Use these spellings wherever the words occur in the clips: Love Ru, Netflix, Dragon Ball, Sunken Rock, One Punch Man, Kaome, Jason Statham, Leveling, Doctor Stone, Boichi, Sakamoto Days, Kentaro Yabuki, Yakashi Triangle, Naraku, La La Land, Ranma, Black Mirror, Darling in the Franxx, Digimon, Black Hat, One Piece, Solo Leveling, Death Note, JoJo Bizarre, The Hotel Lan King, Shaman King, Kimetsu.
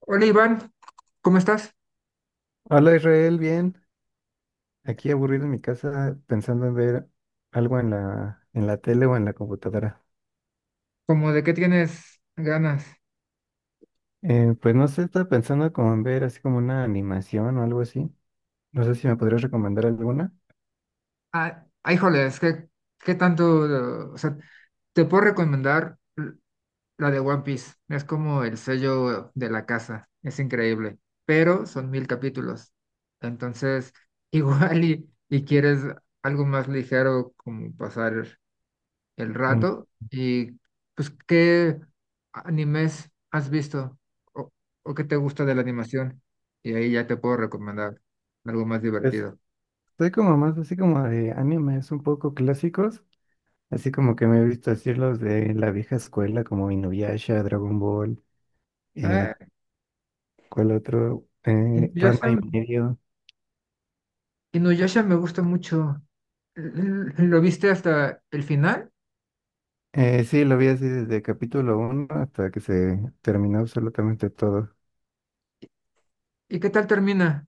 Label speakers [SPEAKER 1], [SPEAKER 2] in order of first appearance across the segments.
[SPEAKER 1] Hola Iván, ¿cómo estás?
[SPEAKER 2] Hola Israel, bien. Aquí aburrido en mi casa pensando en ver algo en la tele o en la computadora.
[SPEAKER 1] ¿Cómo de qué tienes ganas?
[SPEAKER 2] Pues no sé, estaba pensando como en ver así como una animación o algo así. No sé si me podrías recomendar alguna.
[SPEAKER 1] Híjoles, ¿qué tanto? O sea, te puedo recomendar la de One Piece. Es como el sello de la casa, es increíble, pero son 1000 capítulos. Entonces, igual y quieres algo más ligero como pasar el
[SPEAKER 2] Mm,
[SPEAKER 1] rato. Y pues, ¿qué animes has visto o, o qué te gusta de la animación? Y ahí ya te puedo recomendar algo más
[SPEAKER 2] pues
[SPEAKER 1] divertido.
[SPEAKER 2] estoy como más así como de animes un poco clásicos. Así como que me he visto así los de la vieja escuela como Inuyasha, Dragon Ball,
[SPEAKER 1] Ah,
[SPEAKER 2] eh, ¿cuál otro?
[SPEAKER 1] Inuyasha,
[SPEAKER 2] Ranma y medio.
[SPEAKER 1] Inuyasha me gusta mucho. L- ¿Lo viste hasta el final?
[SPEAKER 2] Sí, lo vi así desde capítulo uno hasta que se terminó absolutamente todo.
[SPEAKER 1] ¿Y qué tal termina?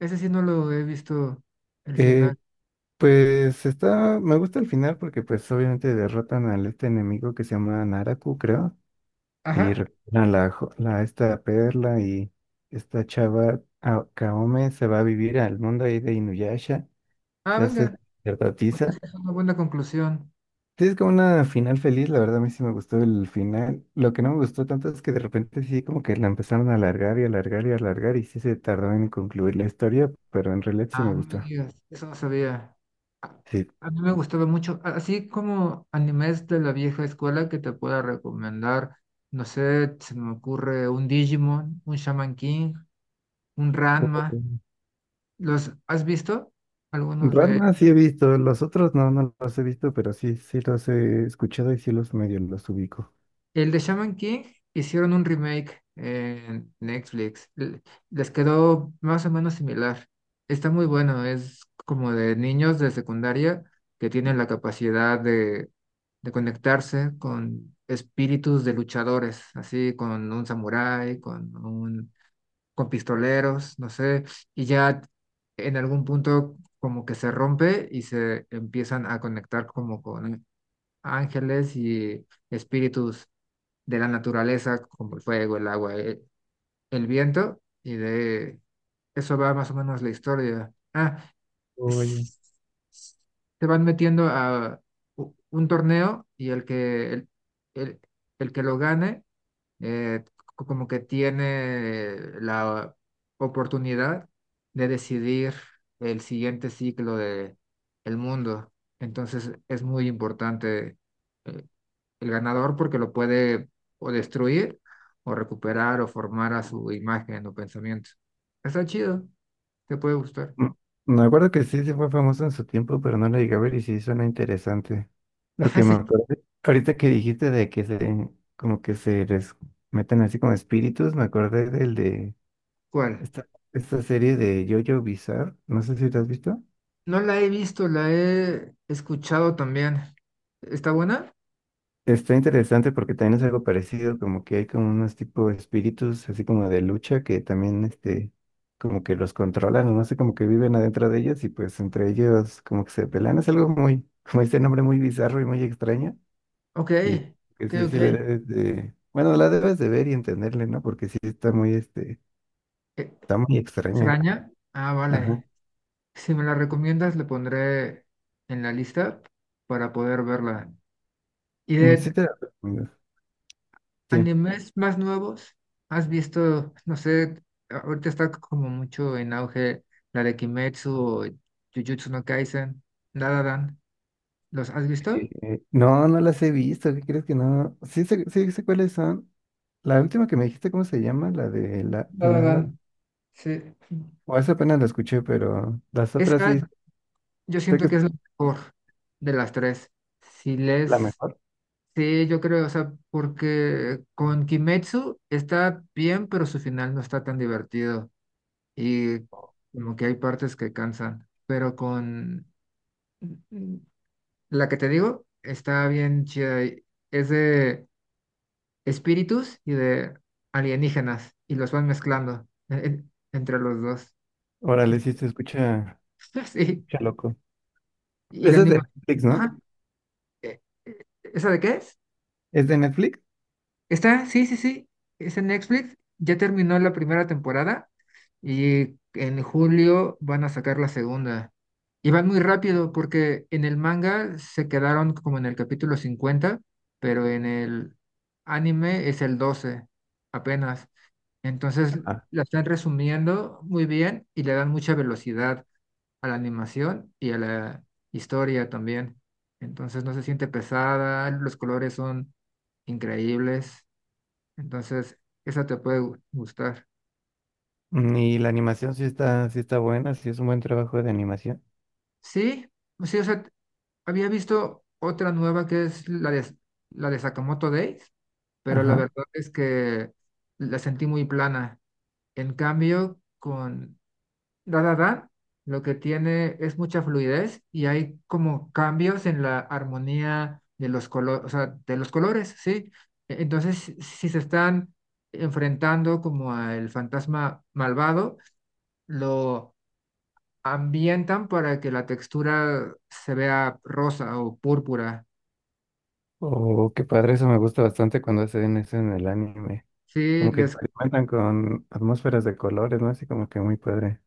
[SPEAKER 1] Ese sí no lo he visto el
[SPEAKER 2] Eh,
[SPEAKER 1] final.
[SPEAKER 2] pues está, me gusta el final porque pues obviamente derrotan al este enemigo que se llama Naraku, creo, y
[SPEAKER 1] Ajá.
[SPEAKER 2] recuperan la esta perla y esta chava Kaome se va a vivir al mundo ahí de Inuyasha,
[SPEAKER 1] Ah,
[SPEAKER 2] se hace
[SPEAKER 1] venga. Pues
[SPEAKER 2] sacerdotisa.
[SPEAKER 1] esa es una buena conclusión.
[SPEAKER 2] Sí, es como una final feliz, la verdad a mí sí me gustó el final. Lo que no me gustó tanto es que de repente sí como que la empezaron a alargar y alargar y alargar y sí se tardó en concluir la historia, pero en realidad sí
[SPEAKER 1] Ah,
[SPEAKER 2] me
[SPEAKER 1] no me
[SPEAKER 2] gustó.
[SPEAKER 1] digas, eso no sabía. A,
[SPEAKER 2] Sí.
[SPEAKER 1] a mí me gustaba mucho, así como animes de la vieja escuela que te pueda recomendar, no sé, se me ocurre un Digimon, un Shaman King, un
[SPEAKER 2] Oh.
[SPEAKER 1] Ranma. ¿Los has visto? Algunos de
[SPEAKER 2] Ranma sí he visto, los otros no, no los he visto, pero sí, sí los he escuchado y sí los medio los ubico.
[SPEAKER 1] el de Shaman King hicieron un remake en Netflix. Les quedó más o menos similar. Está muy bueno, es como de niños de secundaria que tienen la capacidad de conectarse con espíritus de luchadores, así con un samurái, con pistoleros, no sé, y ya en algún punto como que se rompe y se empiezan a conectar como con ángeles y espíritus de la naturaleza, como el fuego, el agua, el viento, y de eso va más o menos la historia.
[SPEAKER 2] Oye.
[SPEAKER 1] S- s- Se van metiendo a un torneo y el- el que lo gane, eh, como que tiene la oportunidad de decidir el siguiente ciclo de el mundo. Entonces es muy importante eh, el ganador porque lo puede o destruir o recuperar o formar a su imagen o pensamiento. Está chido, te puede gustar.
[SPEAKER 2] Mm, me acuerdo que sí, sí fue famoso en su tiempo, pero no la llegué a ver y sí suena interesante. Lo
[SPEAKER 1] Ajá,
[SPEAKER 2] que me
[SPEAKER 1] sí,
[SPEAKER 2] acuerdo, ahorita que dijiste de que se, como que se les meten así como espíritus, me acordé del de
[SPEAKER 1] ¿cuál?
[SPEAKER 2] esta serie de JoJo Bizarre, no sé si lo has visto.
[SPEAKER 1] No la he visto, la he escuchado también. ¿Está buena?
[SPEAKER 2] Está interesante porque también es algo parecido, como que hay como unos tipo de espíritus así como de lucha que también este, como que los controlan, o no sé, como que viven adentro de ellos y pues entre ellos como que se pelean, es algo muy, como dice el nombre, muy bizarro y muy extraño.
[SPEAKER 1] Ok,
[SPEAKER 2] Y que
[SPEAKER 1] ok,
[SPEAKER 2] sí,
[SPEAKER 1] ok.
[SPEAKER 2] sí le debes de... Bueno, la debes de ver y entenderle, ¿no? Porque sí está muy, este,
[SPEAKER 1] Eh,
[SPEAKER 2] está muy extraña.
[SPEAKER 1] ¿Extraña? Ah,
[SPEAKER 2] Ajá.
[SPEAKER 1] vale. Si me la recomiendas, le pondré en la lista para poder verla. Y
[SPEAKER 2] Mm, sí
[SPEAKER 1] de
[SPEAKER 2] te la recomiendo. Sí.
[SPEAKER 1] animes más nuevos, ¿has visto, no sé, ahorita está como mucho en auge la de Kimetsu o Jujutsu no Kaisen, La La Land, ¿los has visto?
[SPEAKER 2] No, no las he visto. ¿Qué crees que no? Sí sé cuáles son. La última que me dijiste, ¿cómo se llama? La de la...
[SPEAKER 1] La La
[SPEAKER 2] la, la-
[SPEAKER 1] Land, sí.
[SPEAKER 2] O esa apenas la escuché, pero las otras sí
[SPEAKER 1] Esa yo
[SPEAKER 2] sé que
[SPEAKER 1] siento
[SPEAKER 2] es
[SPEAKER 1] que es la mejor de las tres. Si
[SPEAKER 2] la
[SPEAKER 1] les
[SPEAKER 2] mejor.
[SPEAKER 1] sí, yo creo, o sea, porque con Kimetsu está bien, pero su final no está tan divertido y como que hay partes que cansan, pero con... La que te digo está bien chida. Es de espíritus y de alienígenas y los van mezclando entre los dos.
[SPEAKER 2] Órale, sí se escucha,
[SPEAKER 1] Sí.
[SPEAKER 2] escucha loco.
[SPEAKER 1] Y la
[SPEAKER 2] Esa es de
[SPEAKER 1] animación.
[SPEAKER 2] Netflix, ¿no?
[SPEAKER 1] ¿Esa de qué es?
[SPEAKER 2] ¿Es de Netflix?
[SPEAKER 1] Sí, sí, sí, es en Netflix, ya terminó la primera temporada y en julio van a sacar la segunda. Y van muy rápido porque en el manga se quedaron como en el capítulo 50, pero en el anime es el 12 apenas. Entonces
[SPEAKER 2] Ajá.
[SPEAKER 1] la están resumiendo muy bien y le dan mucha velocidad a la animación y a la historia también. Entonces no se siente pesada, los colores son increíbles, entonces esa te puede gustar.
[SPEAKER 2] Mm, y la animación sí está buena, sí es un buen trabajo de animación.
[SPEAKER 1] Sí, sí, o sea, había visto otra nueva que es la de Sakamoto Days, pero la
[SPEAKER 2] Ajá.
[SPEAKER 1] verdad es que la sentí muy plana. En cambio, con dada Da lo que tiene es mucha fluidez y hay como cambios en la armonía de los colores, o sea, de los colores, sí. Entonces, si se están enfrentando como al fantasma malvado, lo ambientan para que la textura se vea rosa o púrpura.
[SPEAKER 2] Oh, qué padre, eso me gusta bastante cuando hacen eso en el anime.
[SPEAKER 1] Sí,
[SPEAKER 2] Como que
[SPEAKER 1] les,
[SPEAKER 2] experimentan con atmósferas de colores, ¿no? Así como que muy padre.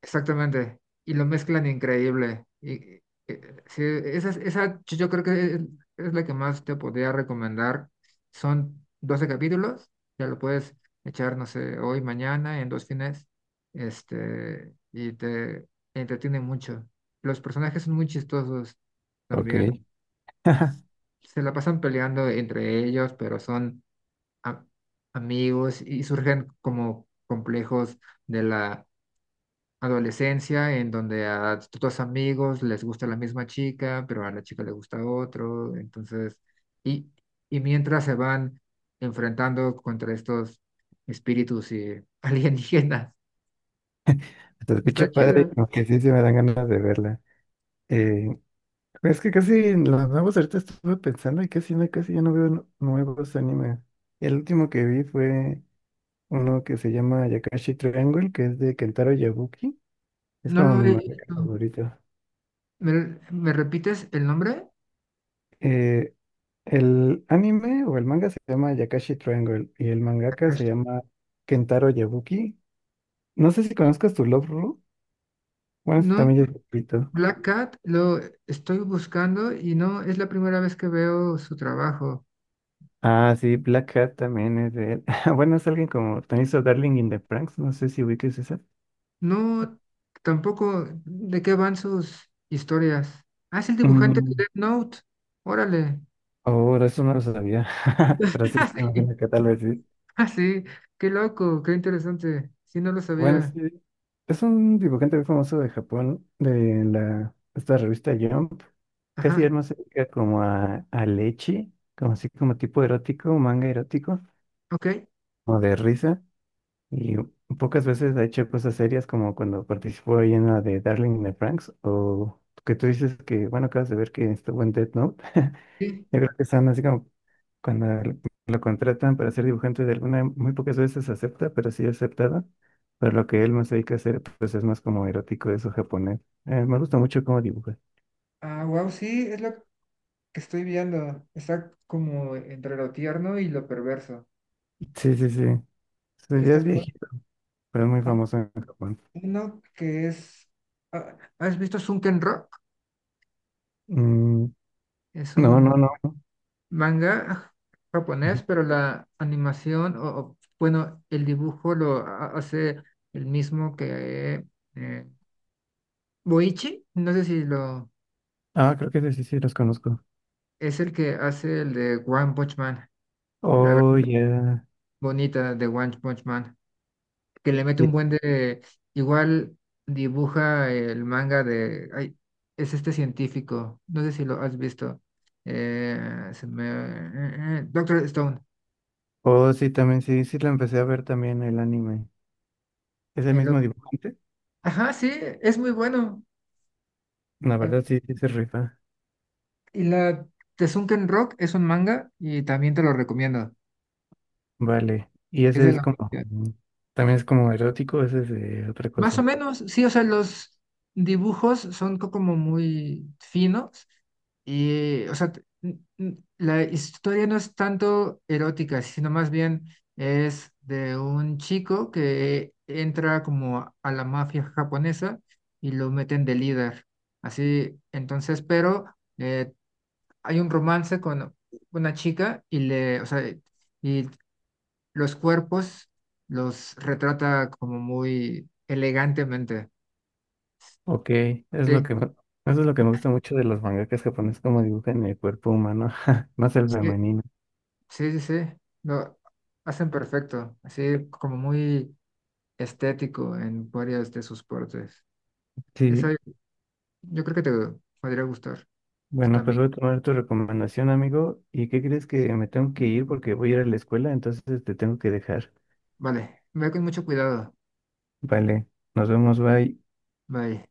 [SPEAKER 1] exactamente. Y lo mezclan increíble. Y sí, esa yo creo es la que más te podría recomendar. Son 12 capítulos, ya lo puedes echar, no sé, hoy, mañana, en dos fines, y te entretiene mucho. Los personajes son muy chistosos
[SPEAKER 2] Ok.
[SPEAKER 1] también. Se la pasan peleando entre ellos, pero son a- amigos y surgen como complejos de la adolescencia en donde a tus amigos les gusta la misma chica, pero a la chica le gusta otro, entonces, y, y mientras se van enfrentando contra estos espíritus y alienígenas.
[SPEAKER 2] Se
[SPEAKER 1] Está
[SPEAKER 2] escucha
[SPEAKER 1] chida.
[SPEAKER 2] padre, como que sí se me dan ganas de verla. Eh, es que casi en los nuevos ahorita estuve pensando y casi no, casi ya no veo nuevos animes. El último que vi fue uno que se llama Yakashi Triangle, que es de Kentaro Yabuki. Es
[SPEAKER 1] No
[SPEAKER 2] como
[SPEAKER 1] lo
[SPEAKER 2] mi
[SPEAKER 1] he
[SPEAKER 2] manga
[SPEAKER 1] visto.
[SPEAKER 2] favorito.
[SPEAKER 1] ¿Me repites el nombre?
[SPEAKER 2] Eh, El anime o el manga se llama Yakashi Triangle y el mangaka se
[SPEAKER 1] Takashi.
[SPEAKER 2] llama Kentaro Yabuki. No sé si conozcas tu Love Ru. Bueno, ese
[SPEAKER 1] No,
[SPEAKER 2] también es repito.
[SPEAKER 1] Black Cat lo estoy buscando y no es la primera vez que veo su trabajo.
[SPEAKER 2] Ah, sí, Black Hat también es de él. Bueno, es alguien como también hizo Darling in the Franxx. No sé si ubicas esa.
[SPEAKER 1] No, tampoco. ¿De qué van sus historias? Ah, es el dibujante de
[SPEAKER 2] Mm,
[SPEAKER 1] Death Note. Órale.
[SPEAKER 2] oh, de eso no lo sabía. Pero sí,
[SPEAKER 1] Ah,
[SPEAKER 2] sí, me
[SPEAKER 1] sí.
[SPEAKER 2] imagino que tal vez sí.
[SPEAKER 1] Ah, sí. Qué loco, qué interesante. Sí, no lo
[SPEAKER 2] Bueno, sí,
[SPEAKER 1] sabía.
[SPEAKER 2] es un dibujante muy famoso de Japón, de la, esta revista Jump. Casi él
[SPEAKER 1] Ajá.
[SPEAKER 2] más se dedica como a leche, como así como tipo erótico, manga erótico,
[SPEAKER 1] Ok.
[SPEAKER 2] o de risa. Y pocas veces ha hecho cosas serias como cuando participó ahí en la de Darling in the Franxx, o que tú dices que, bueno, acabas de ver que estuvo en Death Note.
[SPEAKER 1] Sí.
[SPEAKER 2] Yo creo que son así como cuando lo contratan para ser dibujante de alguna, muy pocas veces acepta, pero sí aceptado. Pero lo que él más se dedica a hacer, pues es más como erótico eso japonés. Me gusta mucho cómo dibuja.
[SPEAKER 1] Ah, wow, sí, es lo que estoy viendo. Está como entre lo tierno y lo perverso.
[SPEAKER 2] Sí, sí, sí. Sí, ya
[SPEAKER 1] Está
[SPEAKER 2] es
[SPEAKER 1] cool.
[SPEAKER 2] viejito, pero es muy
[SPEAKER 1] Hay
[SPEAKER 2] famoso en Japón.
[SPEAKER 1] uno que es. Ah, ¿has visto Sunken Rock?
[SPEAKER 2] Mm,
[SPEAKER 1] Es
[SPEAKER 2] no,
[SPEAKER 1] un
[SPEAKER 2] no, no.
[SPEAKER 1] manga japonés,
[SPEAKER 2] Ujú.
[SPEAKER 1] pero la animación, bueno, el dibujo lo hace el mismo que eh, Boichi, no sé si lo
[SPEAKER 2] Ah, creo que sí, sí, sí, los conozco.
[SPEAKER 1] es el que hace el de One Punch Man, la versión
[SPEAKER 2] Oh, ya.
[SPEAKER 1] bonita de One Punch Man, que le mete un
[SPEAKER 2] Sí.
[SPEAKER 1] buen de, igual dibuja el manga de, ay, es este científico, no sé si lo has visto, eh, se me- Doctor Stone.
[SPEAKER 2] Oh, sí, también, sí, sí, lo empecé a ver también el anime. ¿Es el
[SPEAKER 1] El
[SPEAKER 2] mismo dibujante?
[SPEAKER 1] ajá, sí, es muy bueno.
[SPEAKER 2] La
[SPEAKER 1] Al
[SPEAKER 2] verdad, sí, sí, se rifa.
[SPEAKER 1] y la Tesunken Rock es un manga y también te lo recomiendo.
[SPEAKER 2] Vale. Y
[SPEAKER 1] Es
[SPEAKER 2] ese
[SPEAKER 1] de
[SPEAKER 2] es
[SPEAKER 1] la...
[SPEAKER 2] como, mm, también es como erótico, ese es de otra
[SPEAKER 1] Más o
[SPEAKER 2] cosa.
[SPEAKER 1] menos, sí, o sea, los dibujos son como muy finos y, o sea, la historia no es tanto erótica, sino más bien es de un chico que entra como a la mafia japonesa y lo meten de líder. Así, entonces, pero eh, hay un romance con una chica y le, o sea, y los cuerpos los retrata como muy elegantemente.
[SPEAKER 2] Ok, es lo
[SPEAKER 1] Sí,
[SPEAKER 2] que, eso es lo que me gusta mucho de los mangakas japoneses, como dibujan el cuerpo humano, más el
[SPEAKER 1] sí,
[SPEAKER 2] femenino.
[SPEAKER 1] sí. Lo hacen perfecto, así como muy estético en varias de sus partes. Eso
[SPEAKER 2] Sí,
[SPEAKER 1] yo creo que te podría gustar
[SPEAKER 2] bueno, pues
[SPEAKER 1] también.
[SPEAKER 2] voy a tomar tu recomendación, amigo. ¿Y qué crees que me tengo que ir porque voy a ir a la escuela, entonces te tengo que dejar.
[SPEAKER 1] Vale, ve con mucho cuidado.
[SPEAKER 2] Vale, nos vemos, bye.
[SPEAKER 1] Bye.